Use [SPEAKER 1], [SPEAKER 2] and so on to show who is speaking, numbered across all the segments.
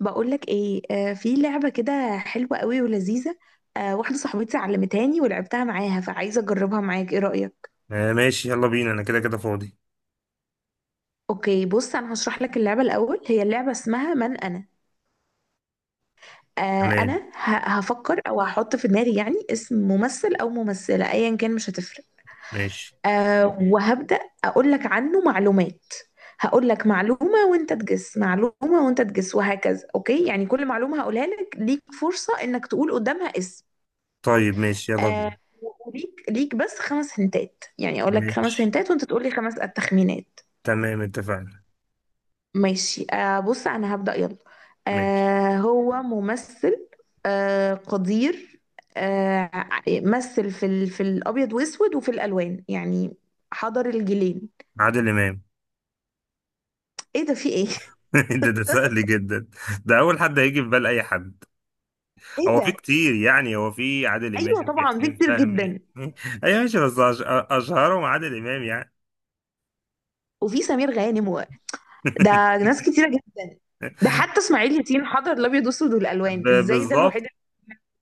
[SPEAKER 1] بقولك ايه، في لعبة كده حلوة قوي ولذيذة. واحدة صاحبتي علمتهاني ولعبتها معاها، فعايزة اجربها معاك. ايه رأيك؟
[SPEAKER 2] ماشي، يلا بينا. انا كده كده فاضي.
[SPEAKER 1] اوكي، بص انا هشرح لك اللعبة الاول. هي اللعبة اسمها من انا. انا
[SPEAKER 2] تمام.
[SPEAKER 1] هفكر او هحط في دماغي يعني اسم ممثل او ممثلة، ايا كان مش هتفرق.
[SPEAKER 2] ماشي.
[SPEAKER 1] وهبدأ اقول لك عنه معلومات. هقول لك معلومة وانت تجس، معلومة وانت تجس، وهكذا. اوكي؟ يعني كل معلومة هقولها لك ليك فرصة انك تقول قدامها اسم.
[SPEAKER 2] طيب ماشي، يلا بينا.
[SPEAKER 1] آه وليك بس خمس هنتات، يعني اقول لك خمس
[SPEAKER 2] ماشي.
[SPEAKER 1] هنتات وانت تقول لي خمس التخمينات.
[SPEAKER 2] تمام، اتفقنا.
[SPEAKER 1] ماشي، بص انا هبدأ يلا.
[SPEAKER 2] ماشي.
[SPEAKER 1] هو ممثل. قدير. آه مثل في الابيض واسود وفي الالوان يعني، حضر الجيلين.
[SPEAKER 2] عادل امام.
[SPEAKER 1] ايه ده؟ في ايه؟
[SPEAKER 2] ده سهل جدا. ده اول حد هيجي في بال اي حد.
[SPEAKER 1] ايه
[SPEAKER 2] هو في
[SPEAKER 1] ده!
[SPEAKER 2] كتير، يعني هو في عادل
[SPEAKER 1] ايوه
[SPEAKER 2] امام، في
[SPEAKER 1] طبعا، دي
[SPEAKER 2] حسين
[SPEAKER 1] كتير
[SPEAKER 2] فهمي.
[SPEAKER 1] جدا.
[SPEAKER 2] ايوه ماشي. بس اشهرهم عادل امام يعني.
[SPEAKER 1] وفي سمير غانم و... ده ناس كتيره جدا. ده حتى اسماعيل ياسين حضر الابيض واسود والالوان، ازاي؟ ده الوحيد
[SPEAKER 2] بالظبط.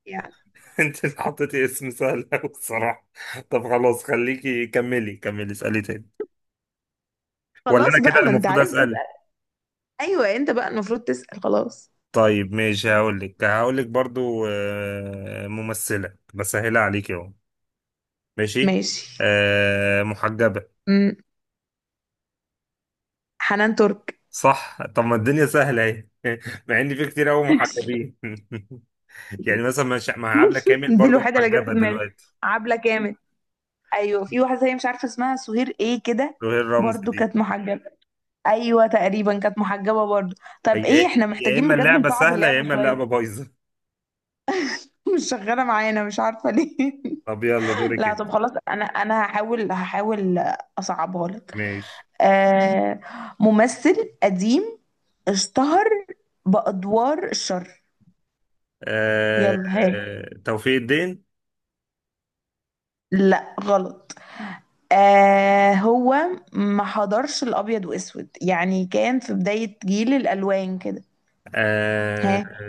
[SPEAKER 1] اللي...
[SPEAKER 2] انت اللي حطيتي اسم سهل قوي الصراحه. طب خلاص، خليكي كملي كملي اسالي تاني. ولا انا
[SPEAKER 1] خلاص
[SPEAKER 2] كده
[SPEAKER 1] بقى،
[SPEAKER 2] اللي
[SPEAKER 1] ما انت
[SPEAKER 2] المفروض
[SPEAKER 1] عرفت تسأل.
[SPEAKER 2] اسال؟
[SPEAKER 1] ايوه، انت بقى المفروض تسأل. خلاص،
[SPEAKER 2] طيب ماشي. هقول لك برضو، ممثلة، بسهلها عليك اهو. ماشي.
[SPEAKER 1] ماشي.
[SPEAKER 2] محجبة.
[SPEAKER 1] امم حنان ترك.
[SPEAKER 2] صح، طب ما الدنيا سهلة اهي. مع ان في كتير قوي محجبين. يعني مثلا، مش مع عبلة كامل
[SPEAKER 1] دي
[SPEAKER 2] برضو
[SPEAKER 1] الوحيدة اللي جت في
[SPEAKER 2] محجبة
[SPEAKER 1] دماغي،
[SPEAKER 2] دلوقتي؟
[SPEAKER 1] عبلة كامل. ايوه، في واحدة هي مش عارفة اسمها، سهير ايه كده،
[SPEAKER 2] وهي الرمز
[SPEAKER 1] برضو
[SPEAKER 2] دي.
[SPEAKER 1] كانت محجبة. ايوه تقريبا كانت محجبة برضو. طب
[SPEAKER 2] هي،
[SPEAKER 1] ايه، احنا
[SPEAKER 2] يا اما
[SPEAKER 1] محتاجين بجد
[SPEAKER 2] اللعبة
[SPEAKER 1] نصعب
[SPEAKER 2] سهلة يا
[SPEAKER 1] اللعبة
[SPEAKER 2] اما
[SPEAKER 1] شوية.
[SPEAKER 2] اللعبة بايظة.
[SPEAKER 1] مش شغالة معانا، مش عارفة ليه.
[SPEAKER 2] طب يلا دورك
[SPEAKER 1] لا
[SPEAKER 2] انت.
[SPEAKER 1] طب خلاص، انا هحاول اصعبها لك.
[SPEAKER 2] ماشي.
[SPEAKER 1] آه ممثل قديم، اشتهر بأدوار الشر.
[SPEAKER 2] آه،
[SPEAKER 1] يلا، ها؟
[SPEAKER 2] توفيق الدين.
[SPEAKER 1] لا، غلط. هو ما حضرش الأبيض وأسود، يعني كان في بداية جيل الألوان كده.
[SPEAKER 2] آه،
[SPEAKER 1] ها؟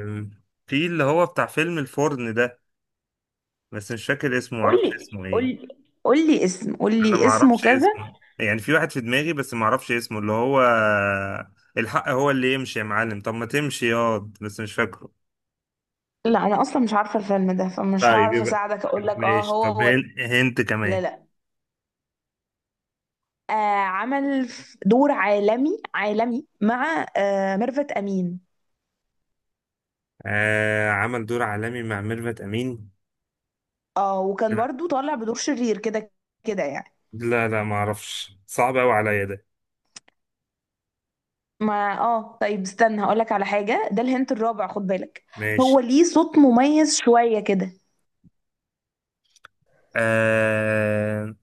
[SPEAKER 2] في اللي هو بتاع فيلم الفرن ده، بس مش فاكر اسمه، معرفش
[SPEAKER 1] قولي،
[SPEAKER 2] اسمه ايه.
[SPEAKER 1] قولي. قولي اسم،
[SPEAKER 2] انا
[SPEAKER 1] قولي اسمه
[SPEAKER 2] معرفش
[SPEAKER 1] كذا.
[SPEAKER 2] اسمه، يعني في واحد في دماغي بس معرفش اسمه اللي هو الحق هو اللي يمشي يا معلم، طب ما تمشي ياض، بس مش فاكره.
[SPEAKER 1] لا، أنا أصلا مش عارفة الفيلم ده، فمش
[SPEAKER 2] طيب
[SPEAKER 1] هعرف
[SPEAKER 2] يبقى
[SPEAKER 1] أساعدك. أقولك
[SPEAKER 2] ماشي. طب
[SPEAKER 1] هو...
[SPEAKER 2] هنت
[SPEAKER 1] ولا،
[SPEAKER 2] كمان.
[SPEAKER 1] لا. آه عمل دور عالمي، عالمي مع ميرفت أمين.
[SPEAKER 2] عمل دور عالمي مع ميرفت امين.
[SPEAKER 1] اه، وكان
[SPEAKER 2] لا.
[SPEAKER 1] برضو طالع بدور شرير كده، كده يعني.
[SPEAKER 2] لا لا، معرفش، صعب قوي عليا ده.
[SPEAKER 1] ما طيب استنى، هقولك على حاجة. ده الهنت الرابع، خد بالك.
[SPEAKER 2] ماشي.
[SPEAKER 1] هو ليه صوت مميز شوية كده.
[SPEAKER 2] آه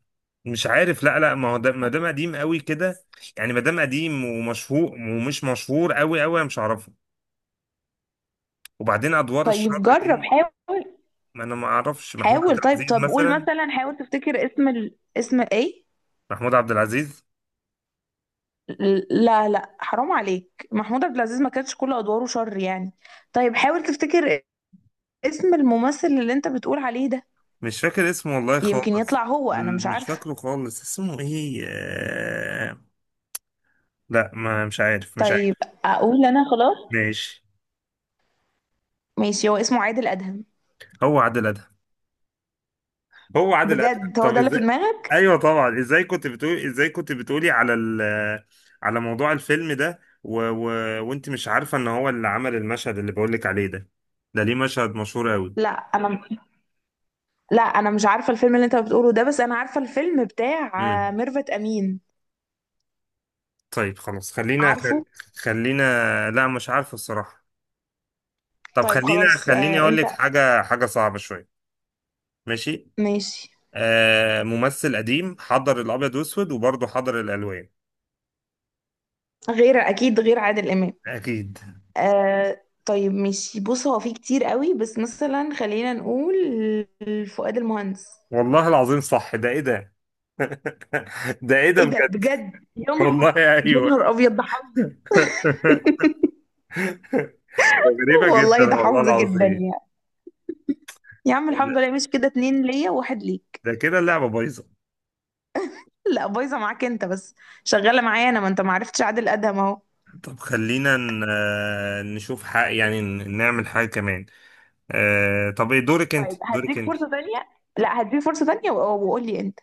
[SPEAKER 2] مش عارف. لا لا، ما هو ده ما دام قديم قوي كده، يعني ما دام قديم ومشهور ومش مشهور قوي قوي أنا مش هعرفه. وبعدين ادوار
[SPEAKER 1] طيب
[SPEAKER 2] الشر
[SPEAKER 1] جرب،
[SPEAKER 2] دي،
[SPEAKER 1] حاول.
[SPEAKER 2] ما انا ما اعرفش محمود عبد
[SPEAKER 1] حاول، طيب.
[SPEAKER 2] العزيز
[SPEAKER 1] طب قول
[SPEAKER 2] مثلا.
[SPEAKER 1] مثلا، حاول تفتكر اسم اسم ايه.
[SPEAKER 2] محمود عبد العزيز.
[SPEAKER 1] لا لا، حرام عليك، محمود عبد العزيز ما كانتش كل ادواره شر يعني. طيب، حاول تفتكر اسم الممثل اللي انت بتقول عليه ده.
[SPEAKER 2] مش فاكر اسمه والله
[SPEAKER 1] يمكن يطلع
[SPEAKER 2] خالص.
[SPEAKER 1] هو، انا مش
[SPEAKER 2] مش
[SPEAKER 1] عارفة.
[SPEAKER 2] فاكره خالص اسمه ايه، لا ما مش عارف مش
[SPEAKER 1] طيب،
[SPEAKER 2] عارف.
[SPEAKER 1] اقول انا، خلاص.
[SPEAKER 2] ماشي.
[SPEAKER 1] ماشي، هو اسمه عادل ادهم.
[SPEAKER 2] هو عادل ادهم؟ هو عادل ادهم،
[SPEAKER 1] بجد هو
[SPEAKER 2] طب
[SPEAKER 1] ده اللي في
[SPEAKER 2] ازاي؟
[SPEAKER 1] دماغك؟
[SPEAKER 2] ايوه طبعا. ازاي كنت بتقولي، ازاي كنت بتقولي على على موضوع الفيلم ده وانت مش عارفه ان هو اللي عمل المشهد اللي بقولك عليه ده؟ ده ليه مشهد مشهور
[SPEAKER 1] لا انا لا انا مش عارفه الفيلم اللي انت بتقوله ده، بس انا عارفه الفيلم بتاع
[SPEAKER 2] قوي.
[SPEAKER 1] ميرفت امين.
[SPEAKER 2] طيب خلاص، خلينا
[SPEAKER 1] عارفه.
[SPEAKER 2] خلينا. لا مش عارف الصراحة. طب
[SPEAKER 1] طيب
[SPEAKER 2] خلينا،
[SPEAKER 1] خلاص،
[SPEAKER 2] خليني اقول
[SPEAKER 1] انت.
[SPEAKER 2] لك حاجة، حاجة صعبة شوية. ماشي.
[SPEAKER 1] ماشي.
[SPEAKER 2] ممثل قديم حضر الابيض واسود وبرضه حضر الالوان.
[SPEAKER 1] غير اكيد غير عادل امام.
[SPEAKER 2] اكيد.
[SPEAKER 1] طيب ماشي، بص هو في كتير قوي بس مثلا خلينا نقول فؤاد المهندس.
[SPEAKER 2] والله العظيم صح، ده ايه ده؟ ده ايه ده
[SPEAKER 1] ايه ده
[SPEAKER 2] بجد؟
[SPEAKER 1] بجد، يا نهار!
[SPEAKER 2] والله
[SPEAKER 1] يا
[SPEAKER 2] ايوه.
[SPEAKER 1] نهار ابيض، ده حظ!
[SPEAKER 2] ده غريبة جدا
[SPEAKER 1] والله، ده
[SPEAKER 2] والله
[SPEAKER 1] حظ جدا
[SPEAKER 2] العظيم.
[SPEAKER 1] يعني. يا عم الحمد لله، مش كده؟ اتنين ليا وواحد ليك.
[SPEAKER 2] ده كده اللعبة بايظة.
[SPEAKER 1] لا، بايظه معاك انت بس. شغاله معايا انا، ما انت ما عرفتش عادل ادهم اهو.
[SPEAKER 2] طب خلينا نشوف حق، يعني نعمل حاجة كمان. طب ايه دورك انت،
[SPEAKER 1] طيب،
[SPEAKER 2] دورك
[SPEAKER 1] هديك
[SPEAKER 2] انت؟
[SPEAKER 1] فرصة تانية. لا، هديك فرصة تانية وقول لي انت.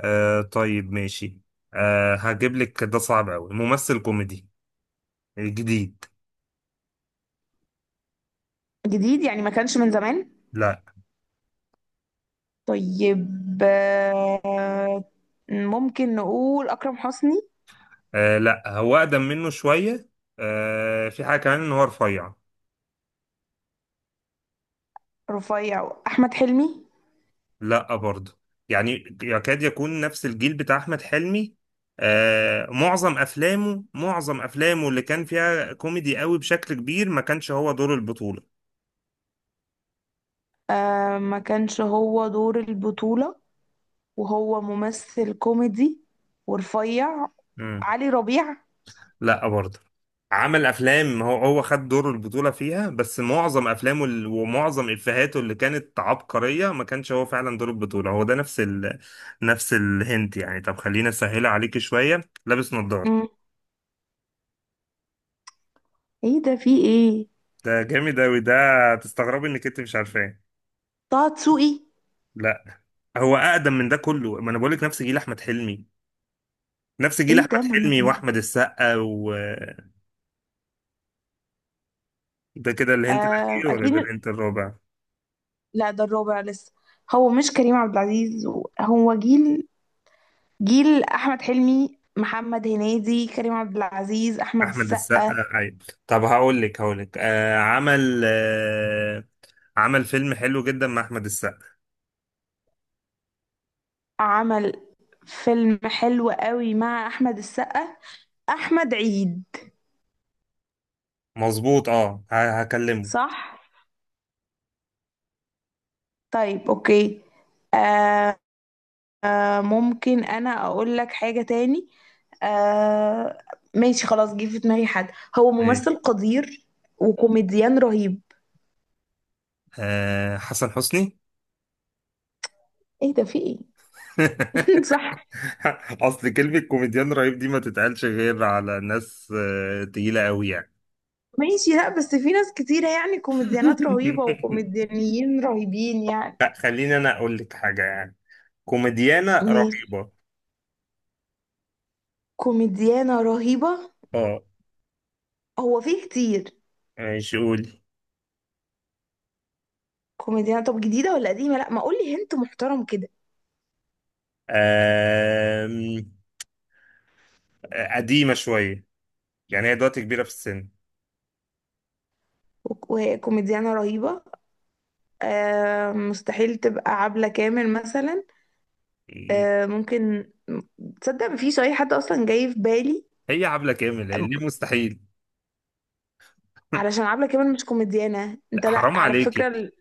[SPEAKER 2] طيب ماشي. هجيب لك، ده صعب قوي. ممثل كوميدي جديد.
[SPEAKER 1] جديد، يعني ما كانش من زمان؟
[SPEAKER 2] لا.
[SPEAKER 1] طيب، آه، ممكن نقول أكرم حسني.
[SPEAKER 2] لا هو اقدم منه شويه. في حاجه كمان ان هو رفيع.
[SPEAKER 1] رفيع، أحمد حلمي.
[SPEAKER 2] لا برضه. يعني يكاد يكون نفس الجيل بتاع احمد حلمي. معظم افلامه، معظم افلامه اللي كان فيها كوميدي قوي بشكل كبير ما كانش هو دور البطوله.
[SPEAKER 1] ما كانش هو دور البطولة، وهو ممثل كوميدي ورفيع.
[SPEAKER 2] مم.
[SPEAKER 1] علي ربيع.
[SPEAKER 2] لا برضه. عمل افلام، هو هو خد دور البطولة فيها، بس معظم افلامه ومعظم افهاته اللي كانت عبقرية ما كانش هو فعلا دور البطولة. هو ده نفس نفس الهنت يعني. طب خلينا اسهلها عليكي شوية. لابس نظارة.
[SPEAKER 1] مم. ايه ده؟ في ايه؟
[SPEAKER 2] ده جامد اوي ده، تستغربي انك انت مش عارفاه.
[SPEAKER 1] طه دسوقي.
[SPEAKER 2] لا هو اقدم من ده كله، ما انا بقول لك نفس جيل احمد حلمي، نفس جيل
[SPEAKER 1] ايه ده
[SPEAKER 2] احمد
[SPEAKER 1] من...
[SPEAKER 2] حلمي واحمد السقا، وده. كده الهنت الاخير ولا ده
[SPEAKER 1] اكيد.
[SPEAKER 2] الهنت الرابع؟
[SPEAKER 1] لا، ده الرابع لسه. هو مش كريم عبد العزيز؟ هو جيل، جيل احمد حلمي، محمد هنيدي، كريم عبد العزيز، احمد
[SPEAKER 2] احمد السقا
[SPEAKER 1] السقا.
[SPEAKER 2] ايوه. طب هقول لك عمل، عمل فيلم حلو جدا مع احمد السقا.
[SPEAKER 1] عمل فيلم حلو قوي مع احمد السقا، احمد عيد.
[SPEAKER 2] مظبوط. اه هكلمه.
[SPEAKER 1] صح. طيب اوكي. آه ممكن انا اقول لك حاجة تاني؟ آه ماشي خلاص، جه في دماغي حد. هو ممثل
[SPEAKER 2] ماشي.
[SPEAKER 1] قدير وكوميديان رهيب.
[SPEAKER 2] حسن حسني.
[SPEAKER 1] ايه ده؟ في ايه؟ صح.
[SPEAKER 2] اصل كلمة كوميديان رهيب دي ما تتقالش غير على ناس تقيلة قوي يعني.
[SPEAKER 1] ماشي، لا بس في ناس كتيرة يعني، كوميديانات رهيبة وكوميديانيين رهيبين يعني.
[SPEAKER 2] لا، خليني انا اقول لك حاجة يعني. كوميديانة
[SPEAKER 1] ماشي.
[SPEAKER 2] رهيبة.
[SPEAKER 1] كوميديانة رهيبة.
[SPEAKER 2] اه.
[SPEAKER 1] هو فيه كتير.
[SPEAKER 2] ماشي، قولي.
[SPEAKER 1] كوميديانة، طب جديدة ولا قديمة؟ لا ما، قولي هنت محترم كده.
[SPEAKER 2] آم، آه قديمة شوية، يعني هي دلوقتي كبيرة في السن.
[SPEAKER 1] وكوميديانة رهيبة. مستحيل تبقى عبلة كامل مثلا؟ ممكن. تصدق مفيش أي حد أصلا جاي في بالي؟
[SPEAKER 2] هي عبلة كامل ليه مستحيل؟
[SPEAKER 1] علشان عبلة كامل مش كوميديانة انت،
[SPEAKER 2] لا،
[SPEAKER 1] لا
[SPEAKER 2] حرام
[SPEAKER 1] على فكرة.
[SPEAKER 2] عليكي.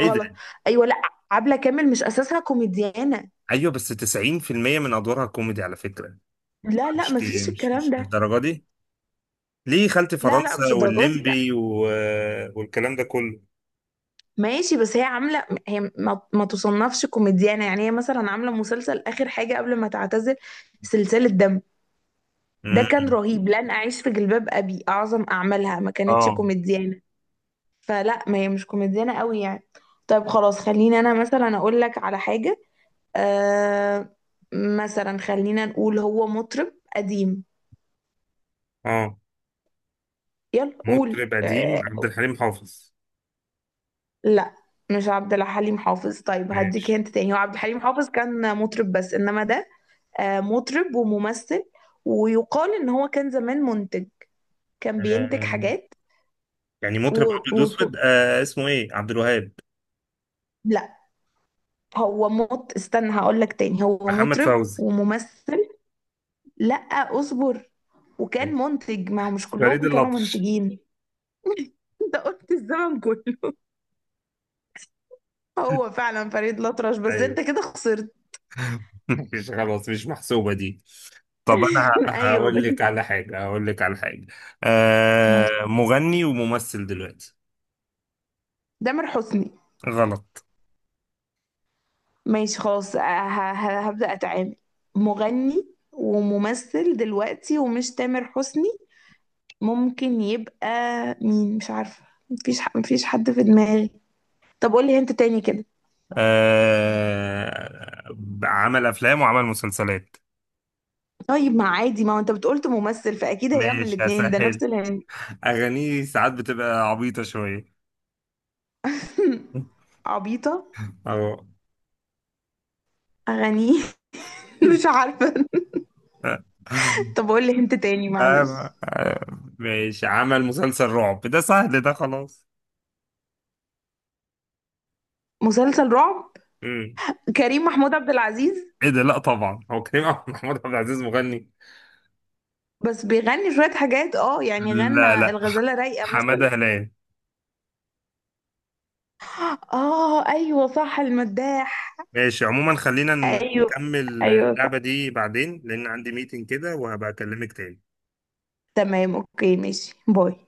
[SPEAKER 2] ايه ده؟
[SPEAKER 1] ايوه، لا، عبلة كامل مش اساسها كوميديانة.
[SPEAKER 2] ايوه بس 90% من ادوارها كوميدي على فكرة.
[SPEAKER 1] لا لا،
[SPEAKER 2] مش كي-
[SPEAKER 1] مفيش
[SPEAKER 2] مش
[SPEAKER 1] الكلام
[SPEAKER 2] مش
[SPEAKER 1] ده.
[SPEAKER 2] للدرجة دي. ليه، خالتي
[SPEAKER 1] لا لا، مش
[SPEAKER 2] فرنسا
[SPEAKER 1] الدرجات دي.
[SPEAKER 2] والليمبي والكلام ده كله.
[SPEAKER 1] ماشي، بس هي عاملة، هي ما تصنفش كوميديانة يعني. هي مثلا عاملة مسلسل آخر حاجة قبل ما تعتزل، سلسلة دم. ده كان
[SPEAKER 2] مم.
[SPEAKER 1] رهيب. لن أعيش في جلباب أبي أعظم أعمالها، ما
[SPEAKER 2] اه.
[SPEAKER 1] كانتش كوميديانة. فلا، ما هي مش كوميديانة قوي يعني. طيب خلاص، خليني أنا مثلا أقول لك على حاجة. آه مثلا خلينا نقول، هو مطرب قديم.
[SPEAKER 2] اه.
[SPEAKER 1] يلا قول.
[SPEAKER 2] مطرب قديم عبد الحليم حافظ.
[SPEAKER 1] لا، مش عبد الحليم حافظ. طيب هديك
[SPEAKER 2] ماشي.
[SPEAKER 1] هنت تاني. هو عبد الحليم حافظ كان مطرب بس، إنما ده مطرب وممثل، ويقال ان هو كان زمان منتج، كان بينتج
[SPEAKER 2] آه.
[SPEAKER 1] حاجات.
[SPEAKER 2] يعني مطرب ابيض
[SPEAKER 1] وصوت.
[SPEAKER 2] واسود، اسمه ايه، عبد الوهاب؟
[SPEAKER 1] لا، هو استنى، هقول لك تاني. هو
[SPEAKER 2] محمد
[SPEAKER 1] مطرب
[SPEAKER 2] فوزي؟
[SPEAKER 1] وممثل. لا، اصبر. وكان
[SPEAKER 2] ماشي.
[SPEAKER 1] منتج، ما هو مش
[SPEAKER 2] فريد
[SPEAKER 1] كلهم كانوا
[SPEAKER 2] الأطرش.
[SPEAKER 1] منتجين. انت قلت الزمن كله. هو فعلا فريد الأطرش، بس
[SPEAKER 2] ايوه.
[SPEAKER 1] انت كده خسرت.
[SPEAKER 2] مش خلاص، مش محسوبة دي. طب انا
[SPEAKER 1] ايوه
[SPEAKER 2] هقول
[SPEAKER 1] بس.
[SPEAKER 2] لك على حاجه هقول لك على حاجه مغني وممثل دلوقتي.
[SPEAKER 1] تامر حسني.
[SPEAKER 2] غلط.
[SPEAKER 1] ماشي خلاص، هبدأ اتعامل. مغني وممثل دلوقتي ومش تامر حسني، ممكن يبقى مين؟ مش عارفة. مفيش حد في دماغي. طب قولي هنت تاني كده.
[SPEAKER 2] آه عمل افلام وعمل مسلسلات.
[SPEAKER 1] طيب، ما عادي، ما هو انت بتقولت ممثل فأكيد هيعمل
[SPEAKER 2] ماشي
[SPEAKER 1] الاتنين، ده نفس
[SPEAKER 2] هسهل.
[SPEAKER 1] الهنت.
[SPEAKER 2] اغانيه ساعات بتبقى عبيطه شويه.
[SPEAKER 1] عبيطة؟
[SPEAKER 2] اه.
[SPEAKER 1] أغانيه؟ مش عارفة.
[SPEAKER 2] آه،
[SPEAKER 1] طب قولي هنت تاني، معلش.
[SPEAKER 2] آه، ماشي. عمل مسلسل رعب، ده سهل ده خلاص.
[SPEAKER 1] مسلسل رعب،
[SPEAKER 2] مم.
[SPEAKER 1] كريم محمود عبد العزيز.
[SPEAKER 2] ايه ده؟ لا طبعا هو محمود عبد العزيز مغني.
[SPEAKER 1] بس بيغني شوية حاجات، اه يعني
[SPEAKER 2] لا
[SPEAKER 1] غنى
[SPEAKER 2] لا.
[SPEAKER 1] الغزالة رايقة مثلا.
[SPEAKER 2] حمادة هلال.
[SPEAKER 1] اه ايوه صح، المداح.
[SPEAKER 2] ماشي عموما خلينا
[SPEAKER 1] ايوه،
[SPEAKER 2] نكمل
[SPEAKER 1] ايوه صح.
[SPEAKER 2] اللعبة دي بعدين، لأن عندي ميتنج كده وهبقى أكلمك تاني.
[SPEAKER 1] تمام اوكي، ماشي، باي.